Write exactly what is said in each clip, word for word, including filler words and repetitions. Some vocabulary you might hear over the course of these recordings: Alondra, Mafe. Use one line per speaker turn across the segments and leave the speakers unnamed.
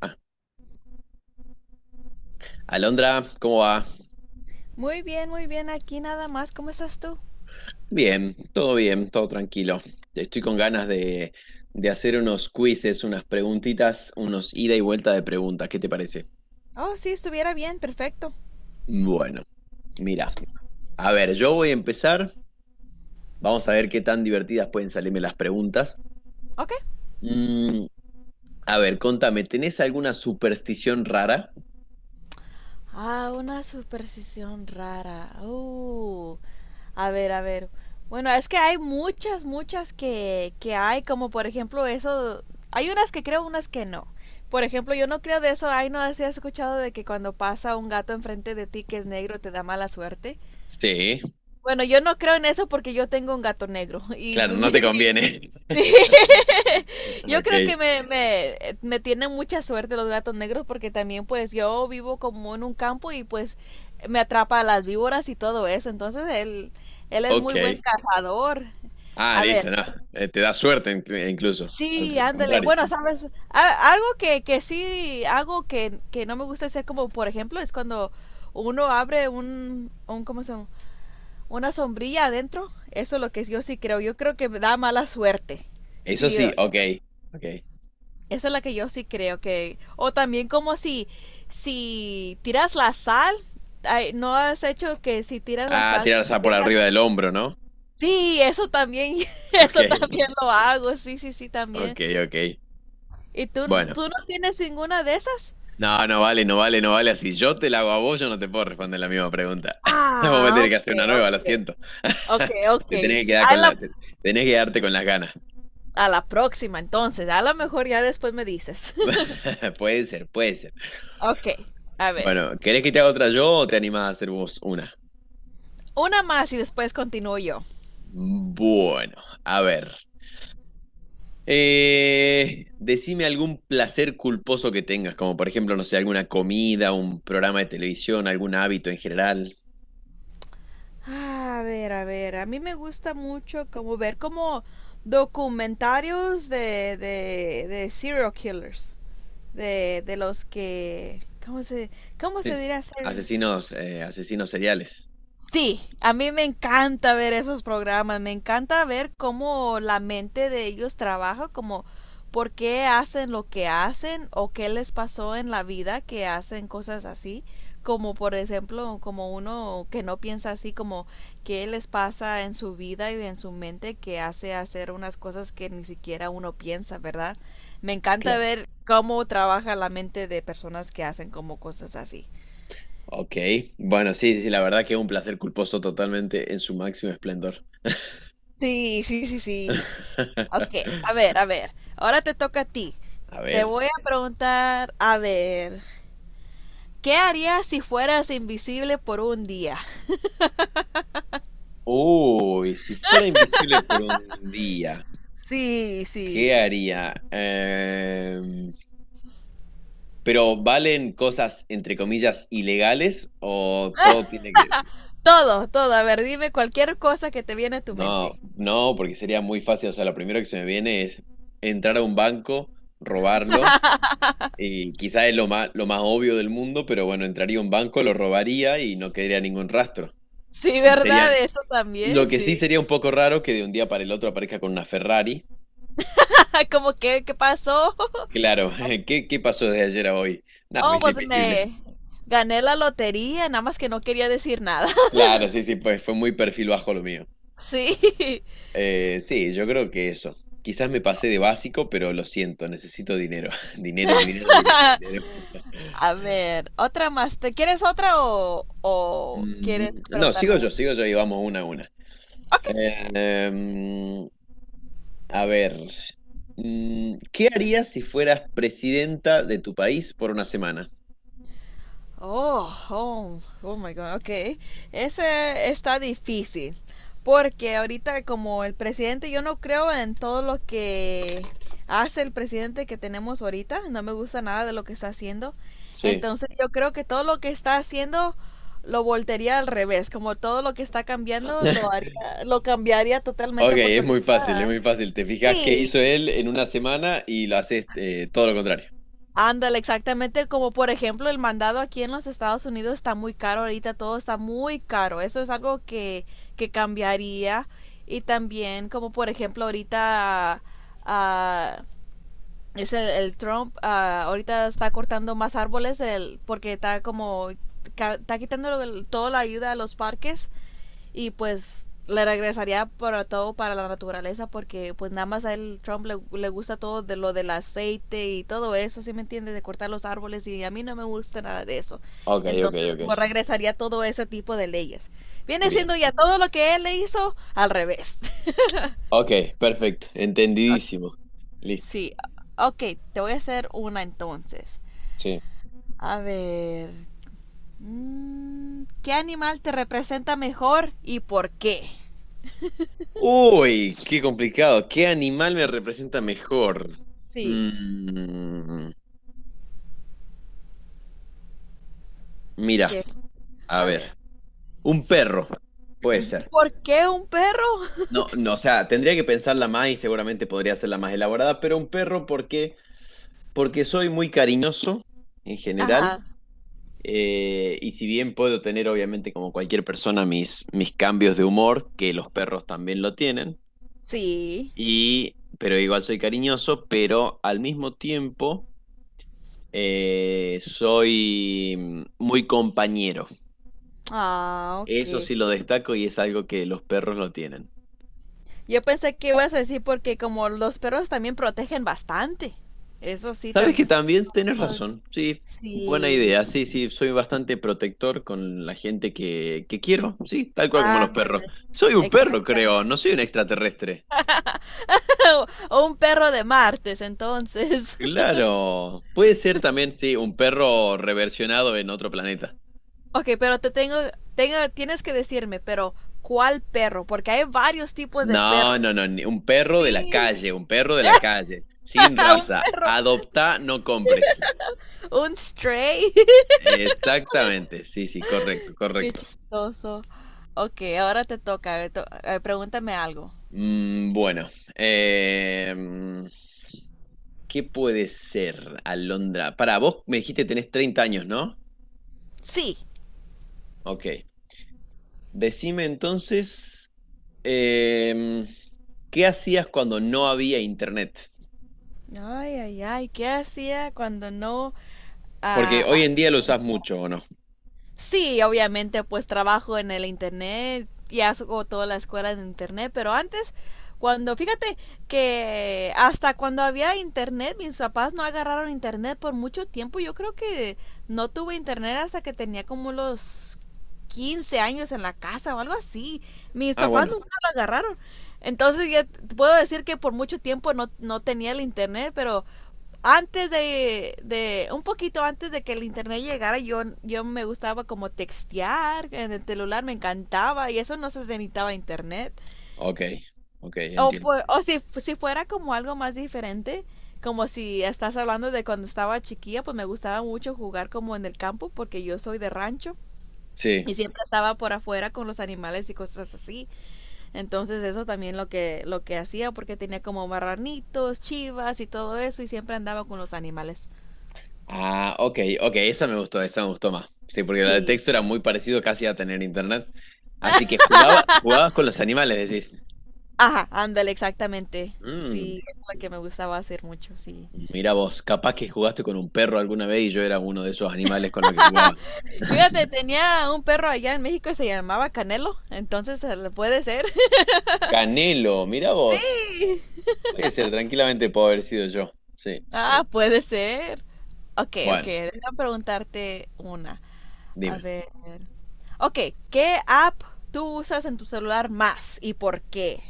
Ah, Alondra, ¿cómo va?
Muy bien, muy bien. Aquí nada más. ¿Cómo estás tú?
Bien, todo bien, todo tranquilo. Estoy con ganas de, de hacer unos quizzes, unas preguntitas, unos ida y vuelta de preguntas. ¿Qué te parece?
Oh, sí, estuviera bien. Perfecto.
Bueno, mira, a ver, yo voy a empezar. Vamos a ver qué tan divertidas pueden salirme las preguntas.
Ok.
Mm, a ver, contame, ¿tenés alguna superstición rara?
Ah, una superstición rara. Uh, a ver, a ver. Bueno, es que hay muchas, muchas que, que hay, como por ejemplo eso. Hay unas que creo, unas que no. Por ejemplo, yo no creo de eso. Ay, no, si has escuchado de que cuando pasa un gato enfrente de ti que es negro te da mala suerte.
Sí,
Bueno, yo no creo en eso porque yo tengo un gato negro y
claro, no
mi,
te conviene.
mi- yo creo
Ok,
que me, me, eh, me tienen mucha suerte los gatos negros porque también pues yo vivo como en un campo y pues me atrapa a las víboras y todo eso. Entonces él, él es muy buen
ok.
cazador.
Ah,
A
listo,
ver,
no. Eh, te da suerte inclu- incluso.
sí,
Al
ándale.
contrario.
Bueno, sabes, A- algo que, que sí hago que, que no me gusta hacer, como por ejemplo, es cuando uno abre un, un ¿cómo se llama? Una sombrilla adentro. Eso es lo que yo sí creo. Yo creo que me da mala suerte.
Eso
Sí,
sí, ok, ok.
esa es la que yo sí creo que... O también como si, si tiras la sal, ay, ¿no has hecho que si tiras la
Ah,
sal te
tirarse por
avientas?
arriba del hombro, ¿no?
Sí, eso también,
Ok,
eso también lo hago, sí, sí, sí, también.
ok, ok.
¿Y tú,
Bueno,
tú no tienes ninguna de esas?
no, no vale, no vale, no vale. Si yo te la hago a vos, yo no te puedo responder la misma pregunta. Vos me
Ah,
tenés que
ok,
hacer una nueva, lo
ok,
siento.
ok, ok.
Te tenés que quedar
A
con la,
la,
te- tenés que quedarte con las ganas.
a la próxima, entonces, a lo mejor ya después me dices.
Puede ser, puede ser.
Ok, a ver,
Bueno, ¿querés que te haga otra yo o te animás a hacer vos una?
una más y después continúo yo.
Bueno, a ver. Eh, decime algún placer culposo que tengas, como por ejemplo, no sé, alguna comida, un programa de televisión, algún hábito en general.
A ver, a ver, a mí me gusta mucho como ver como documentarios de, de, de serial killers, de, de los que, ¿cómo se, cómo se
Es-
diría ser?
Asesinos, eh, asesinos seriales.
Sí, a mí me encanta ver esos programas, me encanta ver cómo la mente de ellos trabaja, como por qué hacen lo que hacen o qué les pasó en la vida que hacen cosas así, como por ejemplo, como uno que no piensa así, como qué les pasa en su vida y en su mente que hace hacer unas cosas que ni siquiera uno piensa, ¿verdad? Me encanta
Claro.
ver cómo trabaja la mente de personas que hacen como cosas así.
Ok. Bueno, sí, sí, la verdad que es un placer culposo totalmente en su máximo esplendor.
Sí, sí, sí, sí. Ok, a ver, a ver. Ahora te toca a ti.
A
Te
ver.
voy a preguntar, a ver, ¿qué harías si fueras invisible por un día?
Uy, si fuera invisible por un día,
Sí,
¿qué
sí.
haría? Em, pero ¿valen cosas entre comillas ilegales o todo tiene que...
Todo, todo. A ver, dime cualquier cosa que te viene a tu
No,
mente.
no, porque sería muy fácil. O sea, lo primero que se me viene es entrar a un banco, robarlo, y quizás es lo más, lo más obvio del mundo, pero bueno, entraría a un banco, lo robaría y no quedaría ningún rastro.
Sí,
Y
¿verdad?
sería,
Eso
lo
también,
que sí
sí.
sería un poco raro que de un día para el otro aparezca con una Ferrari.
¿Cómo que, ¿qué pasó?
Claro, ¿qué, qué pasó desde ayer a hoy? Nada, me
Oh,
hice
pues
invisible.
me gané la lotería, nada más que no quería decir nada.
Claro, sí, sí, pues fue muy perfil bajo lo mío.
Sí.
Eh, sí, yo creo que eso. Quizás me pasé de básico, pero lo siento, necesito dinero. Dinero, dinero, dinero, dinero.
A ver, otra más. ¿Te quieres otra o, o quieres
Mm, No,
preguntarme
sigo yo,
una?
sigo yo y vamos una a una.
Ok.
Eh, mm, a ver, mm, ¿qué harías si fueras presidenta de tu país por una semana?
Oh, home. Oh my God. Ok. Ese está difícil. Porque ahorita, como el presidente, yo no creo en todo lo que hace el presidente que tenemos ahorita. No me gusta nada de lo que está haciendo.
Sí.
Entonces yo creo que todo lo que está haciendo lo voltearía al revés. Como todo lo que está cambiando lo haría, lo cambiaría
Ok,
totalmente porque
es muy fácil, es
ahorita
muy fácil. Te fijas qué
sí.
hizo él en una semana y lo haces eh, todo lo contrario.
Ándale, exactamente, como por ejemplo el mandado aquí en los Estados Unidos está muy caro ahorita, todo está muy caro. Eso es algo que, que cambiaría. Y también, como por ejemplo, ahorita ah, es el, el Trump, ah, ahorita está cortando más árboles el, porque está como ca- está quitando el- toda la ayuda a los parques, y pues le regresaría para todo, para la naturaleza, porque pues nada más a él Trump le, le gusta todo de lo del aceite y todo eso, ¿sí me entiendes? De cortar los árboles, y a mí no me gusta nada de eso.
Ok, ok,
Entonces como
ok.
regresaría todo ese tipo de leyes. Viene siendo
Bien.
ya todo lo que él le hizo al revés.
Ok, perfecto. Entendidísimo. Listo.
Sí, ok, te voy a hacer una entonces.
Sí.
A ver, mm, ¿qué animal te representa mejor y por qué?
Uy, qué complicado. ¿Qué animal me representa mejor?
Sí,
Mm. Mira,
que,
a
a
ver,
ver,
un perro, puede ser.
¿por qué un perro?
No, no, o sea, tendría que pensarla más y seguramente podría ser la más elaborada, pero un perro, porque, porque soy muy cariñoso en general,
Ajá,
eh, y si bien puedo tener, obviamente, como cualquier persona, mis, mis cambios de humor, que los perros también lo tienen,
sí.
y, pero igual soy cariñoso, pero al mismo tiempo eh, soy muy compañero.
Ah,
Eso
ok.
sí lo destaco y es algo que los perros no tienen.
Yo pensé que ibas a decir porque como los perros también protegen bastante. Eso sí,
Sabes
también.
que también tienes razón, sí, buena
Sí,
idea, sí, sí, soy bastante protector con la gente que, que quiero, sí, tal cual como los perros.
ándale.
Soy un perro,
Exacto.
creo, no soy un extraterrestre.
O un perro de martes, entonces.
Claro, puede ser también, sí, un perro reversionado en otro planeta.
Ok, pero te tengo, tengo, tienes que decirme, pero ¿cuál perro? Porque hay varios tipos de
No,
perros.
no, no, ni- un perro de la
Sí,
calle, un perro de la calle, sin
un
raza.
perro,
Adopta, no compres.
un stray.
Exactamente, sí, sí, correcto,
Qué
correcto.
chistoso. Ok, ahora te toca. eh, to- eh, pregúntame algo.
Mm, bueno, em, ¿qué puede ser Alondra? Para vos me dijiste tenés treinta años, ¿no?
Sí.
Ok. Decime entonces, em, ¿qué hacías cuando no había internet?
Ay, ay, ay, ¿qué hacía cuando no?
Porque
ah,
hoy
ah,
en día lo usás mucho, ¿o no?
sí, obviamente, pues trabajo en el internet y hago toda la escuela en internet, pero antes, cuando, fíjate que hasta cuando había internet, mis papás no agarraron internet por mucho tiempo. Yo creo que no tuve internet hasta que tenía como los quince años en la casa o algo así. Mis
Ah,
papás
bueno,
nunca lo agarraron. Entonces ya t- puedo decir que por mucho tiempo no, no tenía el internet, pero antes de, de, un poquito antes de que el internet llegara, yo, yo me gustaba como textear en el celular, me encantaba, y eso no se necesitaba internet.
ok, ok,
O,
entiendo.
pu- o si, si fuera como algo más diferente, como si estás hablando de cuando estaba chiquilla, pues me gustaba mucho jugar como en el campo porque yo soy de rancho
Sí.
y siempre estaba por afuera con los animales y cosas así. Entonces eso también lo que, lo que, hacía, porque tenía como marranitos, chivas y todo eso, y siempre andaba con los animales.
Ah, ok, ok, esa me gustó, esa me gustó más. Sí, porque la de
Sí.
texto era muy parecido casi a tener internet. Así que jugaba, jugabas con los animales, decís.
Ajá, ándale, exactamente.
Mm,
Sí, es la que me gustaba hacer mucho, sí.
Mira vos, capaz que jugaste con un perro alguna vez y yo era uno de esos animales con los que jugaba.
Fíjate, tenía un perro allá en México y se llamaba Canelo, entonces eh, puede ser.
Canelo, mira vos.
Sí.
Puede ser, tranquilamente puedo haber sido yo. Sí.
Ah, puede ser. Ok, ok,
Bueno,
déjame preguntarte una. A
dime.
ver. Ok, ¿qué app tú usas en tu celular más y por qué?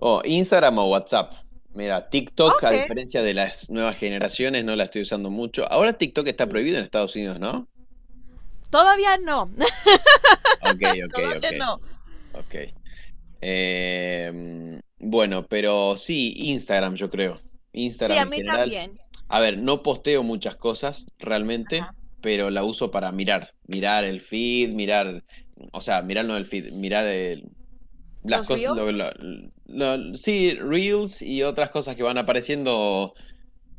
Oh, Instagram o WhatsApp. Mira, TikTok, a
Ok.
diferencia de las nuevas generaciones, no la estoy usando mucho. Ahora TikTok está
Y-
prohibido en Estados Unidos, ¿no?
Todavía no,
Ok, ok, ok,
todavía no.
ok. Eh, bueno, pero sí, Instagram, yo creo.
Sí,
Instagram
a
en
mí
general.
también.
A ver, no posteo muchas cosas realmente, pero la uso para mirar. Mirar el feed, mirar. O sea, mirar no el feed, mirar el- las
¿Los
cosas. Lo-
Reels?
lo- lo- sí, Reels y otras cosas que van apareciendo.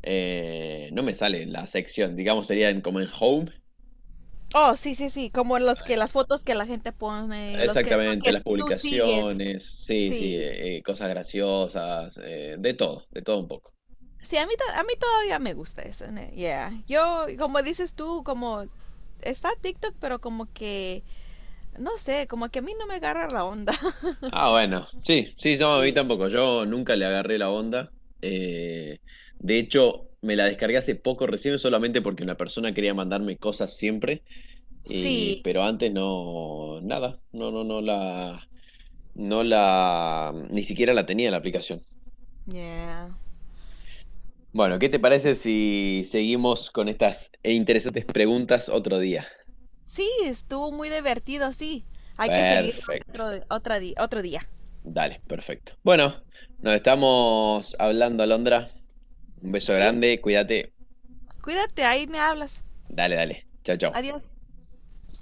eh, No me sale la sección, digamos, sería en- como en Home.
Oh, sí, sí, sí, como los que las fotos que la gente pone, los que,
Exactamente,
los
las
que tú sigues.
publicaciones, sí, sí,
Sí.
eh, eh, cosas graciosas, eh, de todo, de todo un poco.
Sí, a mí, to- a mí todavía me gusta eso. ne- Yeah. Yo, como dices tú, como está TikTok, pero como que, no sé, como que a mí no me agarra la onda.
Ah, bueno, sí, sí, no, a mí
Sí.
tampoco, yo nunca le agarré la onda. eh, de hecho, me la descargué hace poco recién solamente porque una persona quería mandarme cosas siempre,
Sí.
y, sí, pero antes no, nada, no, no, no la, no la, ni siquiera la tenía la aplicación.
Yeah.
Bueno, ¿qué te parece si seguimos con estas interesantes preguntas otro día?
Sí, estuvo muy divertido, sí. Hay que seguir
Perfecto.
otro, otra di- otro día.
Dale, perfecto. Bueno, nos estamos hablando, Alondra. Un beso
Sí,
grande, cuídate.
cuídate, ahí me hablas.
Dale, dale. Chao, chao.
Adiós.